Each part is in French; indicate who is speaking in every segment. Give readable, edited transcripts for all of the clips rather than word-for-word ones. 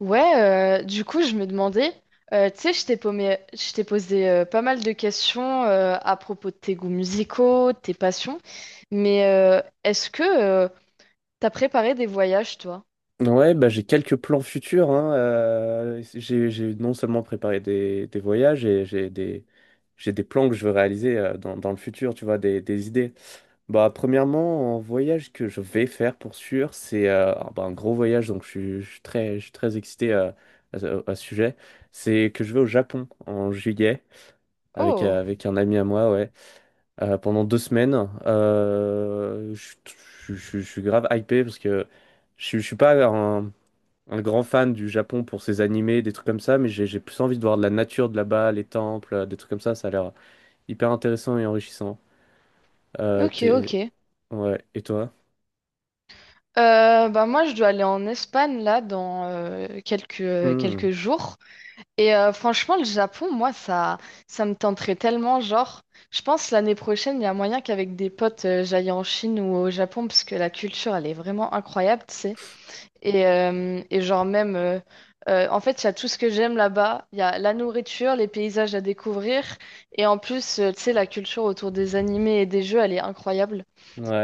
Speaker 1: Ouais, du coup, je me demandais, tu sais, je t'ai posé pas mal de questions à propos de tes goûts musicaux, de tes passions, mais est-ce que t'as préparé des voyages, toi?
Speaker 2: Ouais, bah, j'ai quelques plans futurs, hein. J'ai non seulement préparé des voyages, et j'ai des plans que je veux réaliser dans le futur, tu vois, des idées. Bah, premièrement, un voyage que je vais faire pour sûr, c'est bah, un gros voyage, donc je suis très excité à ce sujet. C'est que je vais au Japon en juillet avec,
Speaker 1: Oh,
Speaker 2: euh, avec un ami à moi, ouais, pendant 2 semaines. Je suis grave hypé parce que je suis pas un grand fan du Japon pour ses animés, des trucs comme ça, mais j'ai plus envie de voir de la nature de là-bas, les temples, des trucs comme ça a l'air hyper intéressant et enrichissant. Euh,
Speaker 1: ok,
Speaker 2: t'es-
Speaker 1: ok.
Speaker 2: Ouais, et toi?
Speaker 1: Bah moi, je dois aller en Espagne, là, dans quelques,
Speaker 2: Hmm.
Speaker 1: quelques jours. Et franchement, le Japon, moi, ça me tenterait tellement, genre, je pense l'année prochaine, il y a moyen qu'avec des potes, j'aille en Chine ou au Japon, parce que la culture, elle est vraiment incroyable, tu sais. Et genre même, en fait, il y a tout ce que j'aime là-bas. Il y a la nourriture, les paysages à découvrir. Et en plus, tu sais, la culture autour des animés et des jeux, elle est incroyable.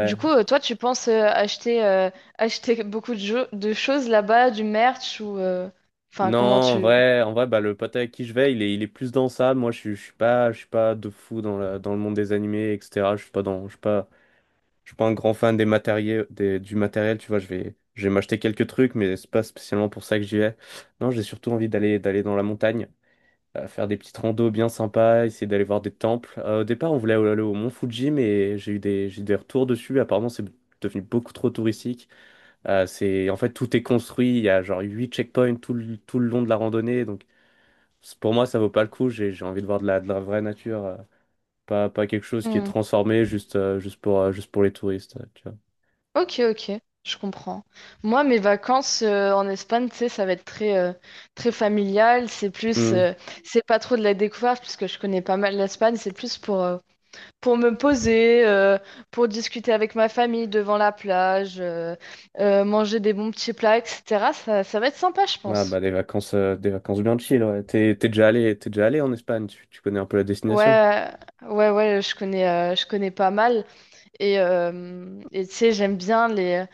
Speaker 1: Du coup, toi, tu penses acheter, acheter beaucoup de, jeux, de choses là-bas, du merch ou... Enfin,
Speaker 2: Non,
Speaker 1: comment
Speaker 2: en
Speaker 1: tu...
Speaker 2: vrai, bah le pote avec qui je vais, il est plus dans ça. Moi, je suis pas de fou dans le monde des animés, etc. Je suis pas dans, je suis pas un grand fan des matériels, du matériel. Tu vois, je vais m'acheter quelques trucs, mais c'est pas spécialement pour ça que j'y vais. Non, j'ai surtout envie d'aller dans la montagne, faire des petites randos bien sympas, essayer d'aller voir des temples. Au départ, on voulait aller au Mont Fuji, mais j'ai eu des retours dessus. Apparemment, c'est devenu beaucoup trop touristique. En fait, tout est construit. Il y a genre 8 checkpoints tout le long de la randonnée. Donc, pour moi, ça vaut pas le coup. J'ai envie de voir de la vraie nature, pas quelque chose qui est
Speaker 1: Hmm.
Speaker 2: transformé juste pour les touristes, tu vois.
Speaker 1: Ok, ok, je comprends. Moi, mes vacances en Espagne, tu sais, ça va être très, très familial. C'est plus...
Speaker 2: Hmm.
Speaker 1: c'est pas trop de la découverte, puisque je connais pas mal l'Espagne. C'est plus pour me poser, pour discuter avec ma famille devant la plage, manger des bons petits plats, etc. Ça va être sympa, je
Speaker 2: Ah
Speaker 1: pense.
Speaker 2: bah des vacances bien chill, ouais. T'es déjà allé en Espagne, tu connais un peu la
Speaker 1: Ouais,
Speaker 2: destination?
Speaker 1: ouais, ouais, je connais pas mal. Et tu sais, j'aime bien les,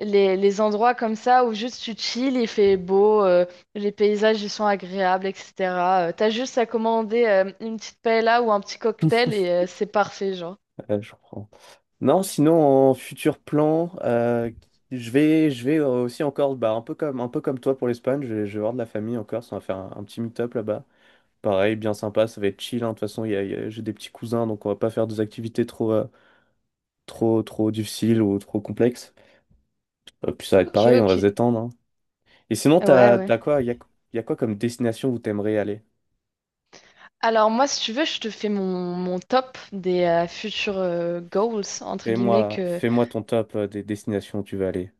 Speaker 1: les, les endroits comme ça où juste tu chill, il fait beau, les paysages, ils sont agréables, etc. T'as juste à commander une petite paella ou un petit cocktail et c'est parfait, genre.
Speaker 2: Je crois. Non, sinon en futur plan, je vais aussi encore, bah, un peu comme toi pour l'Espagne, je vais voir de la famille encore, on va faire un petit meet-up là-bas. Pareil, bien sympa, ça va être chill, hein. De toute façon, j'ai des petits cousins, donc on va pas faire des activités trop difficiles ou trop complexes. Puis ça va être
Speaker 1: Ok,
Speaker 2: pareil, on va se
Speaker 1: ok.
Speaker 2: détendre, hein. Et sinon,
Speaker 1: Ouais,
Speaker 2: t'as,
Speaker 1: ouais.
Speaker 2: t'as quoi, il y a, y a quoi comme destination où t'aimerais aller?
Speaker 1: Alors moi, si tu veux, je te fais mon, mon top des futurs goals, entre guillemets,
Speaker 2: Fais-moi,
Speaker 1: que...
Speaker 2: fais-moi ton top des destinations où tu veux aller.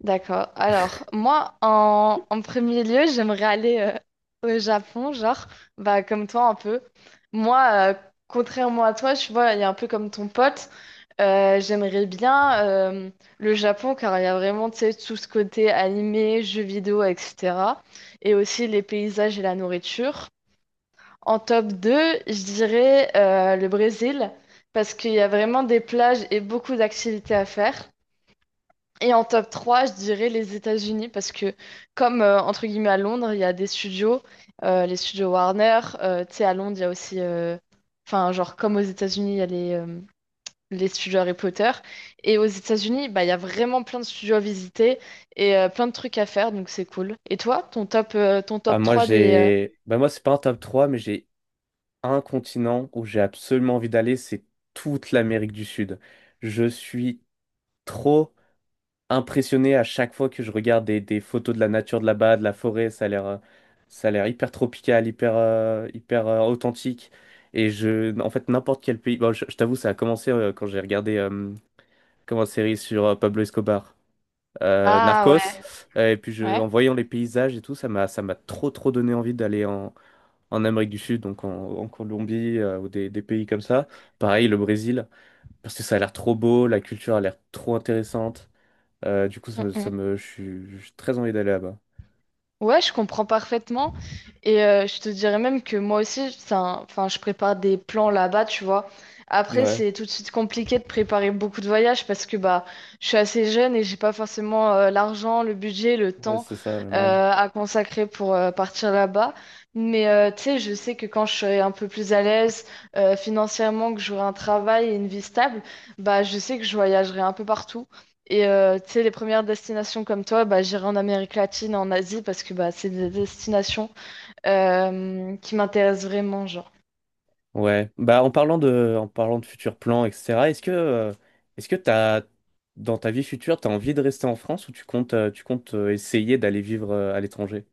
Speaker 1: D'accord. Alors, moi, en, en premier lieu, j'aimerais aller au Japon, genre, bah, comme toi un peu. Moi, contrairement à toi, tu vois, il y a un peu comme ton pote, j'aimerais bien le Japon, car il y a vraiment, tu sais, tout ce côté animé, jeux vidéo, etc. Et aussi les paysages et la nourriture. En top 2, je dirais le Brésil, parce qu'il y a vraiment des plages et beaucoup d'activités à faire. Et en top 3, je dirais les États-Unis, parce que comme, entre guillemets, à Londres, il y a des studios, les studios Warner, tu sais, à Londres, il y a aussi, enfin, genre, comme aux États-Unis, il y a les studios Harry Potter. Et aux États-Unis, bah, il y a vraiment plein de studios à visiter et plein de trucs à faire, donc c'est cool. Et toi, ton
Speaker 2: Ah,
Speaker 1: top trois des...
Speaker 2: bah moi c'est pas un top 3 mais j'ai un continent où j'ai absolument envie d'aller, c'est toute l'Amérique du Sud. Je suis trop impressionné à chaque fois que je regarde des photos de la nature de là-bas, de la forêt. Ça a l'air hyper tropical, hyper authentique. Et en fait, n'importe quel pays. Bon, je t'avoue, ça a commencé quand j'ai regardé comme une série sur Pablo Escobar,
Speaker 1: Ah
Speaker 2: Narcos.
Speaker 1: ouais,
Speaker 2: Et puis en voyant les paysages et tout, ça m'a trop trop donné envie d'aller en Amérique du Sud, donc en Colombie ou des pays comme ça. Pareil, le Brésil, parce que ça a l'air trop beau, la culture a l'air trop intéressante. Du coup, ça
Speaker 1: ouais.
Speaker 2: me- je suis j'ai très envie d'aller là-bas.
Speaker 1: Ouais, je comprends parfaitement. Et je te dirais même que moi aussi, enfin, je prépare des plans là-bas, tu vois. Après,
Speaker 2: Ouais,
Speaker 1: c'est tout de suite compliqué de préparer beaucoup de voyages parce que bah, je suis assez jeune et j'ai pas forcément l'argent, le budget, le
Speaker 2: ouais,
Speaker 1: temps
Speaker 2: c'est ça, le même.
Speaker 1: à consacrer pour partir là-bas. Mais tu sais, je sais que quand je serai un peu plus à l'aise financièrement, que j'aurai un travail et une vie stable, bah, je sais que je voyagerai un peu partout. Et tu sais, les premières destinations comme toi, bah, j'irai en Amérique latine, en Asie, parce que bah, c'est des destinations qui m'intéressent vraiment, genre.
Speaker 2: Ouais. Bah, en parlant de futurs plans, etc., est-ce que t'as, dans ta vie future, t'as envie de rester en France ou tu comptes essayer d'aller vivre à l'étranger?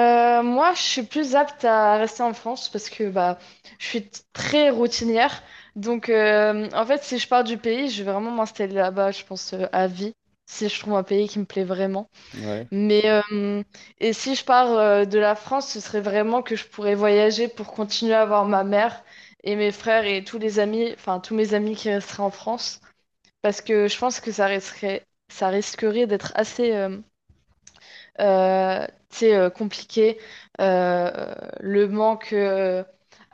Speaker 1: Moi, je suis plus apte à rester en France parce que bah, très routinière. Donc, en fait, si je pars du pays, je vais vraiment m'installer là-bas, je pense, à vie, si je trouve un pays qui me plaît vraiment.
Speaker 2: Ouais.
Speaker 1: Mais et si je pars de la France, ce serait vraiment que je pourrais voyager pour continuer à voir ma mère et mes frères et tous les amis, enfin tous mes amis qui resteraient en France, parce que je pense que ça resterait, ça risquerait d'être assez, tu sais, compliqué euh, le manque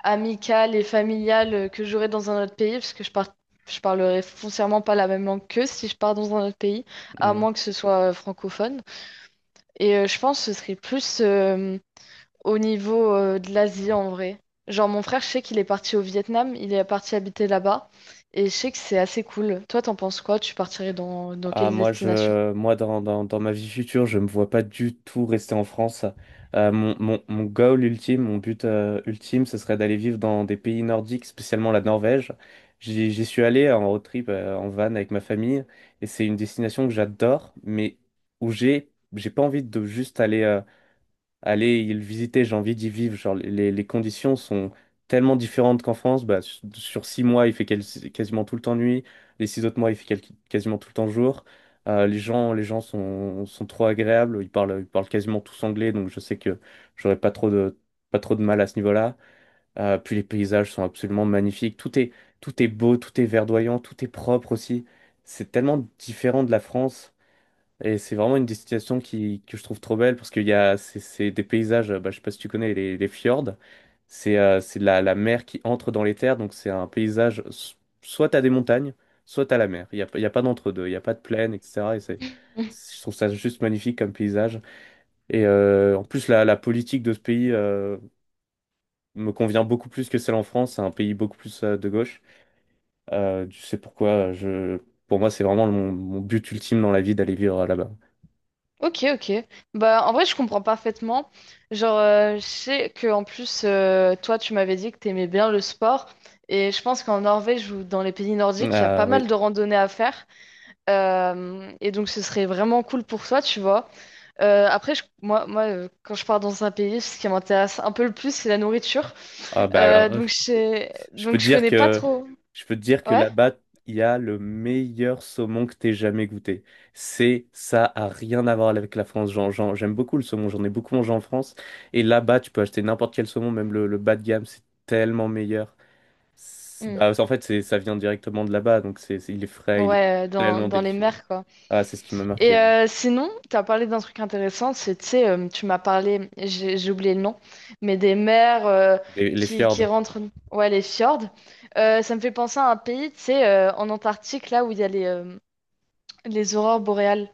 Speaker 1: amical et familial que j'aurais dans un autre pays, parce que je par- je parlerais foncièrement pas la même langue qu'eux si je pars dans un autre pays, à moins que ce soit francophone. Et je pense que ce serait plus au niveau de l'Asie en vrai. Genre mon frère, je sais qu'il est parti au Vietnam, il est parti habiter là-bas. Et je sais que c'est assez cool. Toi, t'en penses quoi? Tu partirais dans, dans
Speaker 2: Ah,
Speaker 1: quelle
Speaker 2: moi,
Speaker 1: destination?
Speaker 2: je, moi dans, dans, dans ma vie future, je me vois pas du tout rester en France. Mon goal ultime, mon but ultime, ce serait d'aller vivre dans des pays nordiques, spécialement la Norvège. J'y suis allé en road trip, en van avec ma famille, et c'est une destination que j'adore, mais où j'ai pas envie de juste aller, aller y le visiter, j'ai envie d'y vivre. Genre, les conditions sont tellement différentes qu'en France. Bah, sur 6 mois, il fait quasiment tout le temps nuit. Les 6 autres mois, il fait quasiment tout le temps jour. Les gens sont trop agréables. Ils parlent quasiment tous anglais, donc je sais que j'aurais pas trop de mal à ce niveau-là. Puis les paysages sont absolument magnifiques. Tout est beau, tout est verdoyant, tout est propre aussi. C'est tellement différent de la France. Et c'est vraiment une destination que je trouve trop belle parce qu'il y a c'est des paysages, bah, je sais pas si tu connais les fjords, c'est la mer qui entre dans les terres, donc c'est un paysage, soit t'as des montagnes, soit t'as la mer, il y a pas d'entre-deux, il n'y a pas de plaine, etc. Et je trouve ça juste magnifique comme paysage. Et en plus, la politique de ce pays me convient beaucoup plus que celle en France, c'est un pays beaucoup plus de gauche. Tu sais pourquoi, pour moi c'est vraiment mon but ultime dans la vie d'aller vivre là-bas.
Speaker 1: Ok, ok. Bah, en vrai, je comprends parfaitement. Genre, je sais que en plus, toi, tu m'avais dit que t'aimais bien le sport. Et je pense qu'en Norvège ou dans les pays nordiques, il y a
Speaker 2: Ah
Speaker 1: pas
Speaker 2: oui.
Speaker 1: mal de randonnées à faire. Et donc, ce serait vraiment cool pour toi, tu vois. Moi, moi, quand je pars dans un pays, ce qui m'intéresse un peu le plus, c'est la nourriture.
Speaker 2: Ah bah
Speaker 1: Euh,
Speaker 2: alors,
Speaker 1: donc, je...
Speaker 2: je peux
Speaker 1: donc,
Speaker 2: te
Speaker 1: je
Speaker 2: dire
Speaker 1: connais pas
Speaker 2: que
Speaker 1: trop.
Speaker 2: je peux te dire que
Speaker 1: Ouais?
Speaker 2: là-bas, il y a le meilleur saumon que t'aies jamais goûté. C'est Ça a rien à voir avec la France. J'aime beaucoup le saumon, j'en ai beaucoup mangé en France et là-bas, tu peux acheter n'importe quel saumon, même le bas de gamme, c'est tellement meilleur.
Speaker 1: Hmm.
Speaker 2: Bah, en fait, c'est ça vient directement de là-bas, donc il est frais, il est
Speaker 1: Ouais, dans,
Speaker 2: tellement
Speaker 1: dans les
Speaker 2: délicieux.
Speaker 1: mers, quoi.
Speaker 2: Ah, c'est ce qui m'a
Speaker 1: Et
Speaker 2: marqué, ouais.
Speaker 1: sinon, tu as parlé d'un truc intéressant, c'est, tu sais, tu m'as parlé, j'ai oublié le nom, mais des mers
Speaker 2: Les
Speaker 1: qui
Speaker 2: fjords.
Speaker 1: rentrent, ouais, les fjords. Ça me fait penser à un pays, tu sais, en Antarctique, là où il y a les aurores boréales.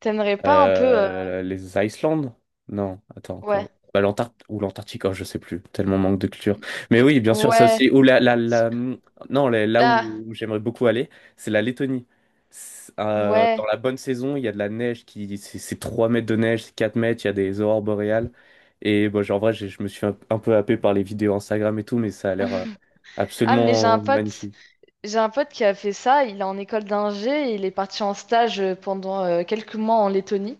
Speaker 1: T'aimerais pas un peu...
Speaker 2: Les Islandes? Non, attends,
Speaker 1: Ouais,
Speaker 2: bah, l'Antarctique ou l'Antarctique, oh, je sais plus, tellement manque de culture. Mais oui, bien sûr, ça
Speaker 1: ouais,
Speaker 2: aussi. Ou la... Non, là
Speaker 1: là,
Speaker 2: où j'aimerais beaucoup aller, c'est la Lettonie. Dans
Speaker 1: ouais.
Speaker 2: la bonne saison, il y a de la neige qui, c'est 3 mètres de neige, c'est 4 mètres, il y a des aurores boréales. Et bon, genre, en vrai, je me suis un peu happé par les vidéos Instagram et tout, mais ça a l'air
Speaker 1: Ah, mais
Speaker 2: absolument magnifique.
Speaker 1: j'ai un pote qui a fait ça. Il est en école d'ingé et il est parti en stage pendant quelques mois en Lettonie.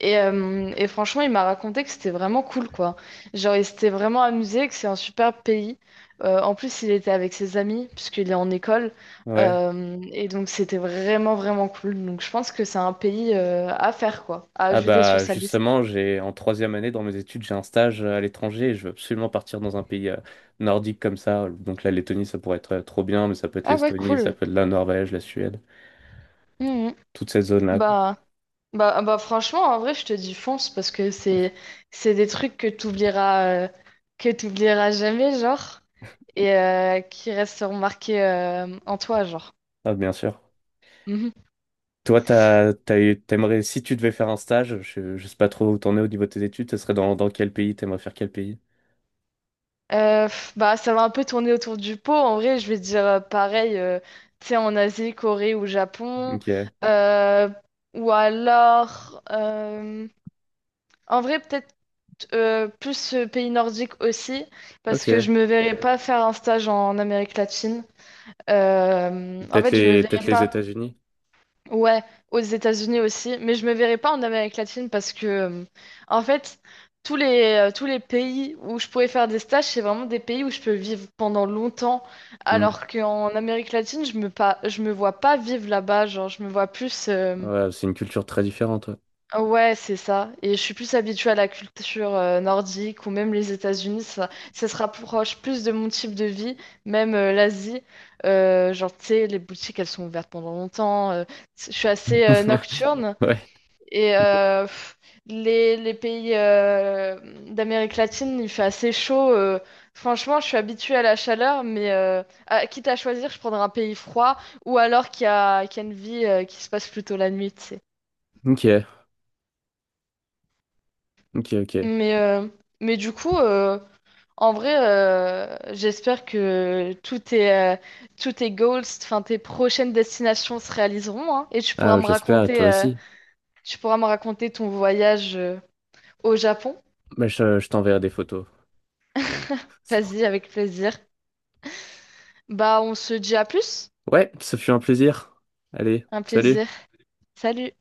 Speaker 1: Et franchement, il m'a raconté que c'était vraiment cool, quoi. Genre, il s'était vraiment amusé, que c'est un super pays. En plus, il était avec ses amis, puisqu'il est en école.
Speaker 2: Ouais.
Speaker 1: Et donc, c'était vraiment, vraiment cool. Donc, je pense que c'est un pays à faire, quoi, à
Speaker 2: Ah
Speaker 1: ajouter sur
Speaker 2: bah
Speaker 1: sa liste.
Speaker 2: justement, j'ai en troisième année dans mes études, j'ai un stage à l'étranger et je veux absolument partir dans un pays nordique comme ça. Donc la Lettonie, ça pourrait être trop bien, mais ça peut être
Speaker 1: Ah ouais,
Speaker 2: l'Estonie, ça
Speaker 1: cool.
Speaker 2: peut être la Norvège, la Suède,
Speaker 1: Mhm.
Speaker 2: toute cette zone-là, quoi.
Speaker 1: Bah. Bah, franchement, en vrai, je te dis fonce parce que c'est des trucs que t'oublieras jamais, genre, et qui resteront marqués en toi, genre.
Speaker 2: Ah bien sûr.
Speaker 1: Mhm.
Speaker 2: Toi, t'aimerais, si tu devais faire un stage, je sais pas trop où t'en es au niveau de tes études, ce serait dans quel pays, t'aimerais faire quel pays?
Speaker 1: Bah, ça va un peu tourner autour du pot. En vrai, je vais te dire pareil, tu sais, en Asie, Corée ou Japon,
Speaker 2: Ok,
Speaker 1: euh, ou alors, en vrai, peut-être plus pays nordique aussi, parce que
Speaker 2: ok.
Speaker 1: je me verrais pas faire un stage en Amérique latine. En
Speaker 2: Peut-être
Speaker 1: fait, je me
Speaker 2: les, peut-être
Speaker 1: verrais
Speaker 2: les
Speaker 1: pas,
Speaker 2: États-Unis.
Speaker 1: ouais, aux États-Unis aussi, mais je me verrais pas en Amérique latine parce que, en fait, tous tous les pays où je pourrais faire des stages, c'est vraiment des pays où je peux vivre pendant longtemps,
Speaker 2: Hmm.
Speaker 1: alors qu'en Amérique latine, je me vois pas vivre là-bas, genre, je me vois plus.
Speaker 2: Ouais, c'est une culture très différente. Ouais.
Speaker 1: Ouais, c'est ça. Et je suis plus habituée à la culture nordique ou même les États-Unis. Ça se rapproche plus de mon type de vie, même l'Asie. Genre, tu sais, les boutiques, elles sont ouvertes pendant longtemps. Je suis assez nocturne.
Speaker 2: Ouais.
Speaker 1: Et les pays d'Amérique latine, il fait assez chaud. Franchement, je suis habituée à la chaleur, mais quitte à choisir, je prendrais un pays froid ou alors qui a une vie qui se passe plutôt la nuit, tu
Speaker 2: Ok, ok, ok.
Speaker 1: Mais, euh, mais du coup, en vrai, j'espère que tous tes goals, enfin tes prochaines destinations se réaliseront, hein, et tu pourras
Speaker 2: Ah,
Speaker 1: me
Speaker 2: j'espère, toi
Speaker 1: raconter,
Speaker 2: aussi.
Speaker 1: tu pourras me raconter ton voyage, au Japon.
Speaker 2: Bah, je t'enverrai des photos.
Speaker 1: Vas-y, avec plaisir. Bah, on se dit à plus.
Speaker 2: Ouais, ce fut un plaisir. Allez,
Speaker 1: Un
Speaker 2: salut.
Speaker 1: plaisir. Salut.